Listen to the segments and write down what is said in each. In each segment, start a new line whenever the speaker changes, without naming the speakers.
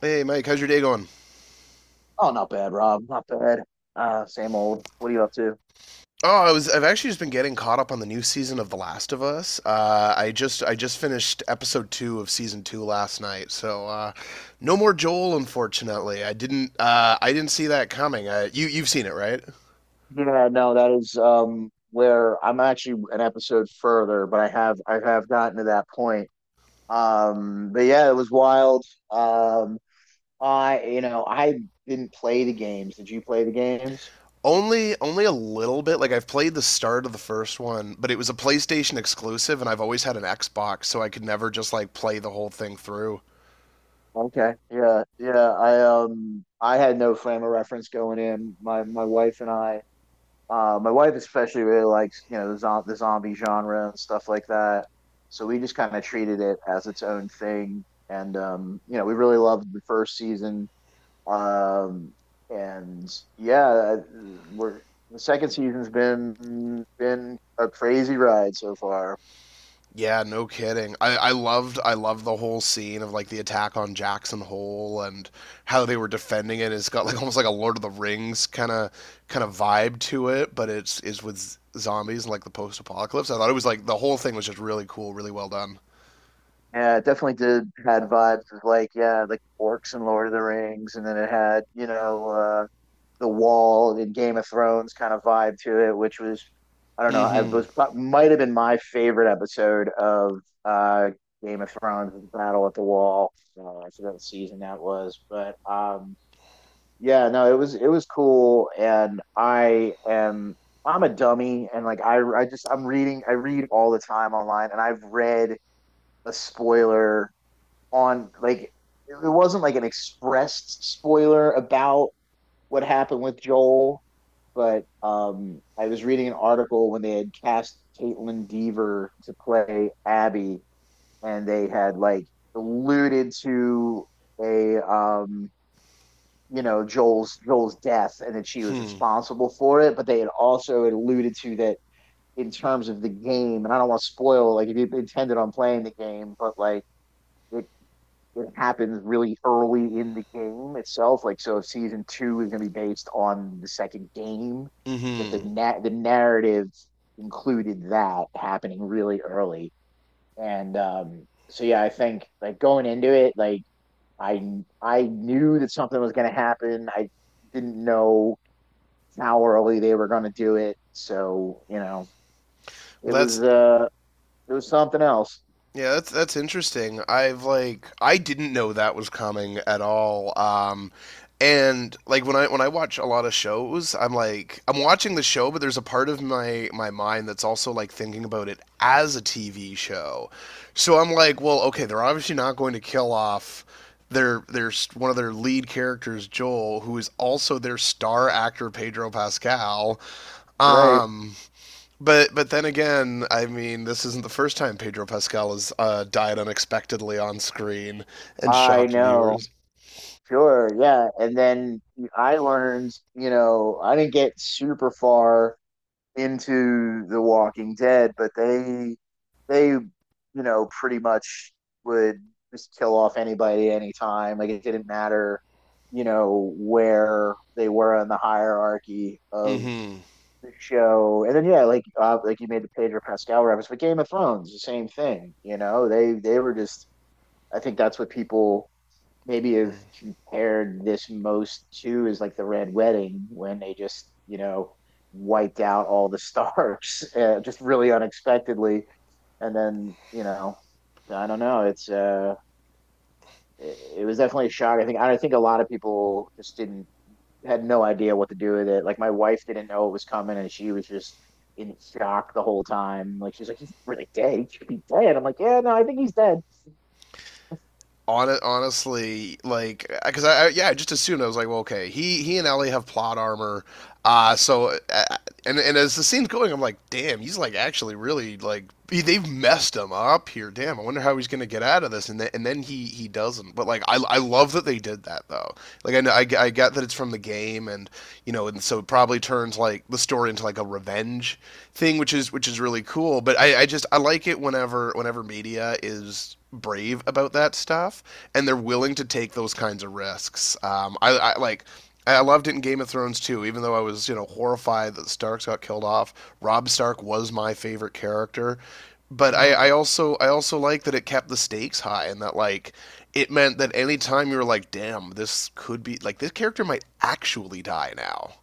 Hey Mike, how's your day going?
Oh, not bad, Rob. Not bad. Same old. What are you up to?
I've actually just been getting caught up on the new season of The Last of Us. I just finished episode two of season two last night, so no more Joel, unfortunately. I didn't see that coming. You you've seen it, right?
Yeah, no, that is where I'm actually an episode further, but I have gotten to that point. But yeah, it was wild. Um, I you know I didn't play the games. Did you play the games?
Only a little bit. Like I've played the start of the first one, but it was a PlayStation exclusive, and I've always had an Xbox, so I could never just like play the whole thing through.
Okay. Yeah, yeah. I had no frame of reference going in. My wife and I. My wife especially really likes, you know, the, the zombie genre and stuff like that. So we just kind of treated it as its own thing. And you know, we really loved the first season. Um, and yeah, we're the second season's been a crazy ride so far.
Yeah, no kidding. I loved the whole scene of like the attack on Jackson Hole and how they were defending it. It's got like almost like a Lord of the Rings kind of vibe to it, but it's is with zombies and like the post apocalypse. I thought it was like the whole thing was just really cool, really well done.
Yeah, it definitely did had vibes of like, yeah, like orcs and Lord of the Rings, and then it had, you know, the wall and Game of Thrones kind of vibe to it, which was I don't know, I
Mm-hmm.
was might have been my favorite episode of uh, Game of Thrones, the Battle at the Wall. I forgot what season that was, but yeah, no, it was cool, and I'm a dummy, and like I just I read all the time online, and I've read a spoiler on like it wasn't like an expressed spoiler about what happened with Joel, but I was reading an article when they had cast Caitlin Dever to play Abby, and they had like alluded to a you know Joel's death and that she was
Hmm.
responsible for it, but they had also alluded to that in terms of the game. And I don't want to spoil like if you intended on playing the game, but like it it happens really early in the game itself. Like, so if season two is going to be based on the second game, that the
Mm-hmm.
na- the narrative included that happening really early. And so, yeah, I think like going into it, like I I knew that something was going to happen. I didn't know how early they were going to do it. So you know, it
Well,
was
that's
uh, it was something else.
Yeah, that's interesting. I've like I didn't know that was coming at all. And like when I watch a lot of shows, I'm like I'm watching the show, but there's a part of my mind that's also like thinking about it as a TV show. So I'm like, well, okay, they're obviously not going to kill off their one of their lead characters, Joel, who is also their star actor Pedro Pascal.
Right.
Um but then again, I mean, this isn't the first time Pedro Pascal has died unexpectedly on screen and
I
shocked
know.
viewers.
Sure, yeah. And then I learned, you know, I didn't get super far into The Walking Dead, but you know, pretty much would just kill off anybody anytime. Like it didn't matter, you know, where they were in the hierarchy of
Mm-hmm.
the show. And then yeah, like you made the Pedro Pascal reference, but Game of Thrones, the same thing, you know. They were just I think that's what people maybe have
Mm.
compared this most to is like the Red Wedding when they just, you know, wiped out all the stars just really unexpectedly. And then, you know, I don't know. It was definitely a shock. I think a lot of people just didn't, had no idea what to do with it. Like my wife didn't know it was coming and she was just in shock the whole time. Like she's like, he's really dead. He should be dead. I'm like, yeah, no, I think he's dead.
Hon- honestly, like, because I yeah, I just assumed I was like, well, okay, he and Ellie have plot armor, uh, so uh, and as the scene's going, I'm like, damn, he's like actually really like they've messed him up here. Damn, I wonder how he's gonna get out of this. And then he doesn't. But like I love that they did that though. Like I know I get that it's from the game, and you know, and so it probably turns like the story into like a revenge thing, which is really cool. But I like it whenever media is brave about that stuff and they're willing to take those kinds of risks. I like I loved it in Game of Thrones too, even though I was, you know, horrified that the Starks got killed off. Rob Stark was my favorite character. But I,
Mhm.
I also I also like that it kept the stakes high and that like it meant that any time you were like, damn, this could be like this character might actually die now.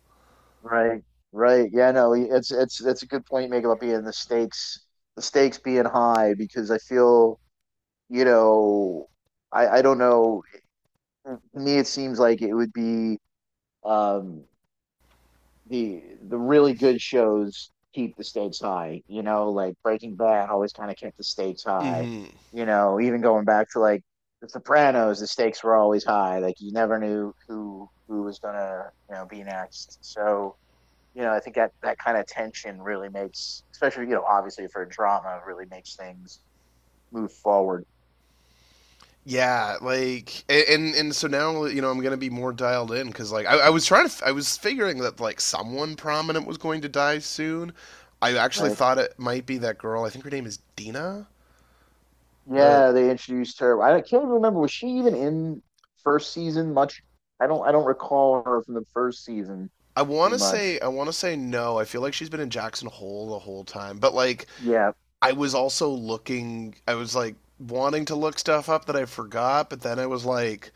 Right, right. Yeah, no, it's that's a good point you make about being the stakes being high because I feel, you know, I don't know. To me, it seems like it would be um the really good shows keep the stakes high. You know, like Breaking Bad always kind of kept the stakes high.
Hmm.
You know, even going back to like The Sopranos, the stakes were always high. Like you never knew who was gonna, you know, be next. So you know, I think that that kind of tension really makes, especially you know, obviously for drama, really makes things move forward,
Yeah, like and so now you know I'm gonna be more dialed in because like I was trying to I was figuring that like someone prominent was going to die soon. I actually
right?
thought it might be that girl. I think her name is Dina. The
Yeah, they introduced her. I can't even remember was she even in first season much? I don't recall her from the first season
I want
too
to
much.
say I want to say no. I feel like she's been in Jackson Hole the whole time. But like
Yeah,
I was also looking I was like wanting to look stuff up that I forgot, but then I was like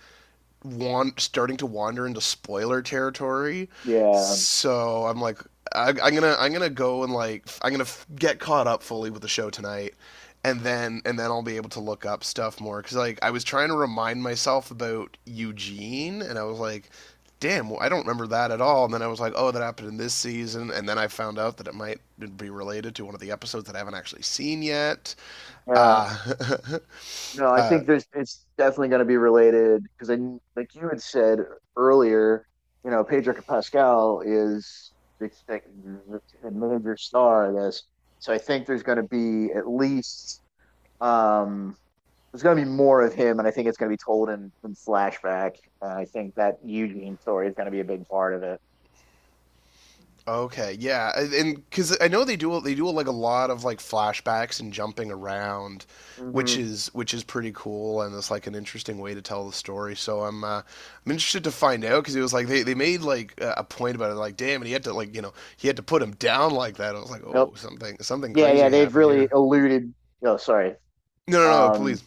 want starting to wander into spoiler territory.
yeah,
So I'm like, I'm gonna go and like get caught up fully with the show tonight, and then I'll be able to look up stuff more because like I was trying to remind myself about Eugene, and I was like, damn, well, I don't remember that at all. And then I was like, oh, that happened in this season, and then I found out that it might be related to one of the episodes that I haven't actually seen yet.
yeah.
Uh,
No, I
uh,
think there's it's definitely going to be related because I like you had said earlier, you know, Pedro Pascal is the major star of this, so I think there's going to be at least um there's going to be more of him, and I think it's going to be told in flashback. And I think that Eugene story is going to be a big part of it.
Okay, yeah, because I know they do like a lot of like flashbacks and jumping around, which
hmm
is pretty cool, and it's like an interesting way to tell the story. So I'm interested to find out because it was like they made like a point about it, like damn, and he had to like you know he had to put him down like that. I was like, oh,
Nope.
something
Yeah, yeah,
crazy
they've
happened
really
here.
alluded. Oh, sorry.
No, no, no,
Um,
please.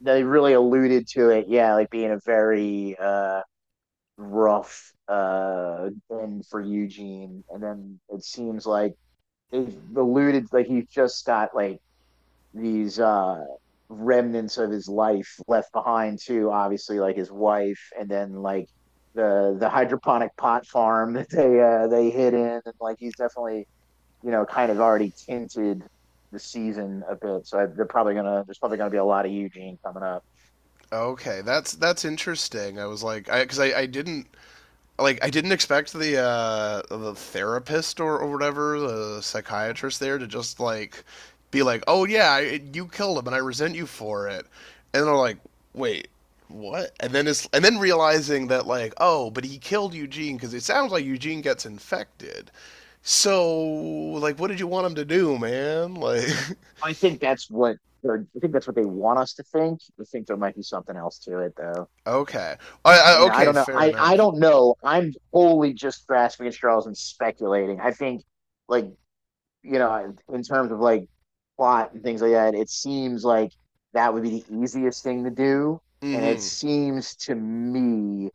they really alluded to it. Yeah, like being a very rough end for Eugene. And then it seems like they've alluded Like he's just got like these remnants of his life left behind too, obviously like his wife and then like the hydroponic pot farm that they hid in and like he's definitely, you know, kind of already tinted the season a bit. So I, they're probably gonna there's probably gonna be a lot of Eugene coming up.
Okay, that's interesting. I was like, I because I didn't like I didn't expect the therapist or whatever the psychiatrist there to just like be like, "Oh yeah, you killed him and I resent you for it." And they're like, "Wait, what?" And then realizing that like, "Oh, but he killed Eugene cuz it sounds like Eugene gets infected." So, like what did you want him to do, man? Like
I think that's what I think that's what they want us to think. I think there might be something else to it, though.
okay. I,
I
I
mean, I
okay,
don't know.
fair
I
enough.
don't know. I'm wholly just grasping at straws and speculating. I think, like, you know, in terms of like plot and things like that, it seems like that would be the easiest thing to do. And it
Mhm.
seems to me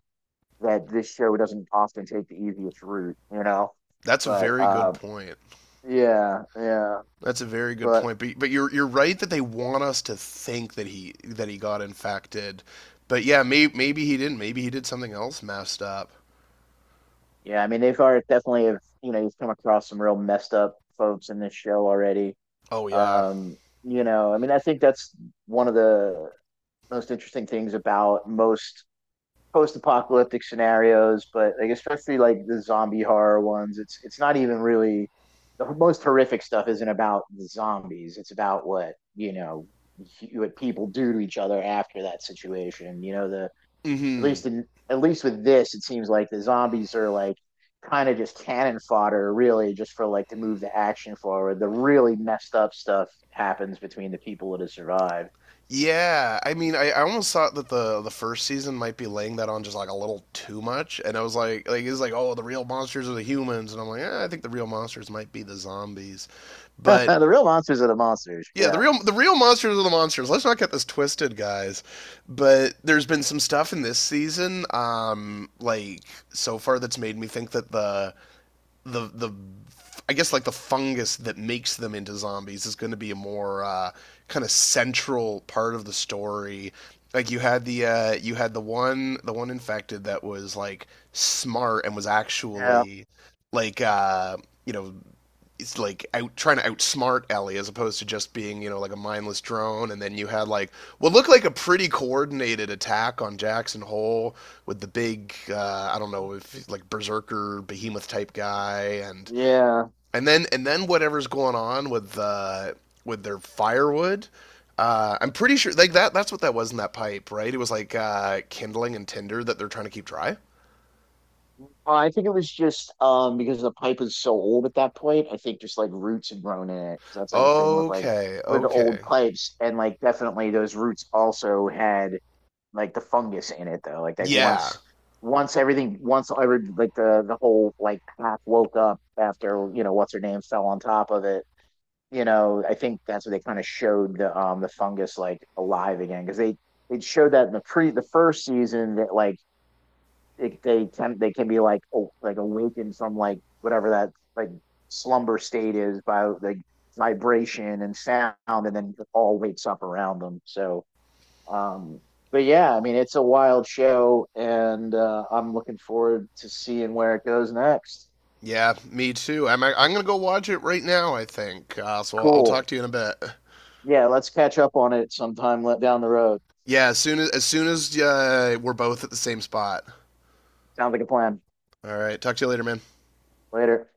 that this show doesn't often take the easiest route, you know?
That's a
But
very good point.
yeah, yeah.
That's a very good
But
point. But you're right that they want us to think that he got infected. But yeah, maybe he didn't. Maybe he did something else messed up.
yeah, I mean they've already definitely have you know you've come across some real messed up folks in this show already.
Oh yeah.
Um, you know, I mean I think that's one of the most interesting things about most post-apocalyptic scenarios, but like especially like the zombie horror ones, it's not even really the most horrific stuff isn't about the zombies. It's about what, you know, what people do to each other after that situation. You know, the at
Mm-hmm.
least in at least with this, it seems like the zombies are like kind of just cannon fodder, really, just for like to move the action forward. The really messed up stuff happens between the people that have survived.
Yeah. I mean, I almost thought that the first season might be laying that on just like a little too much. And I was like it's like, oh, the real monsters are the humans, and I'm like, eh, I think the real monsters might be the zombies. But
the real monsters are the monsters.
yeah,
Yeah,
the real monsters are the monsters. Let's not get this twisted, guys. But there's been some stuff in this season, like so far that's made me think that the I guess like the fungus that makes them into zombies is going to be a more kind of central part of the story. Like you had the you had the one infected that was like smart and was
yeah,
actually like you know is like out trying to outsmart Ellie as opposed to just being you know like a mindless drone. And then you had like what looked like a pretty coordinated attack on Jackson Hole with the big I don't know if like berserker behemoth type guy and
yeah.
and then whatever's going on with their firewood. I'm pretty sure that's what that was in that pipe, right? It was like kindling and tinder that they're trying to keep dry.
Well, I think it was just because the pipe was so old at that point. I think just like roots had grown in it. So that's like a thing with like
Okay,
with
okay.
old pipes, and like definitely those roots also had like the fungus in it though. Like
Yeah,
once everything once every like the whole like half woke up after you know what's her name fell on top of it. You know, I think that's what they kind of showed the fungus like alive again because they showed that in the pre the first season that like it, they can be like oh, like awakened from like whatever that like slumber state is by like vibration and sound and then it all wakes up around them. So um, but yeah, I mean, it's a wild show, and I'm looking forward to seeing where it goes next.
yeah, me too. I'm gonna go watch it right now. I think. So I'll talk
Cool.
to you in a bit.
Yeah, let's catch up on it sometime down the road.
Yeah, as soon as we're both at the same spot.
Sounds like a plan.
All right. Talk to you later, man.
Later.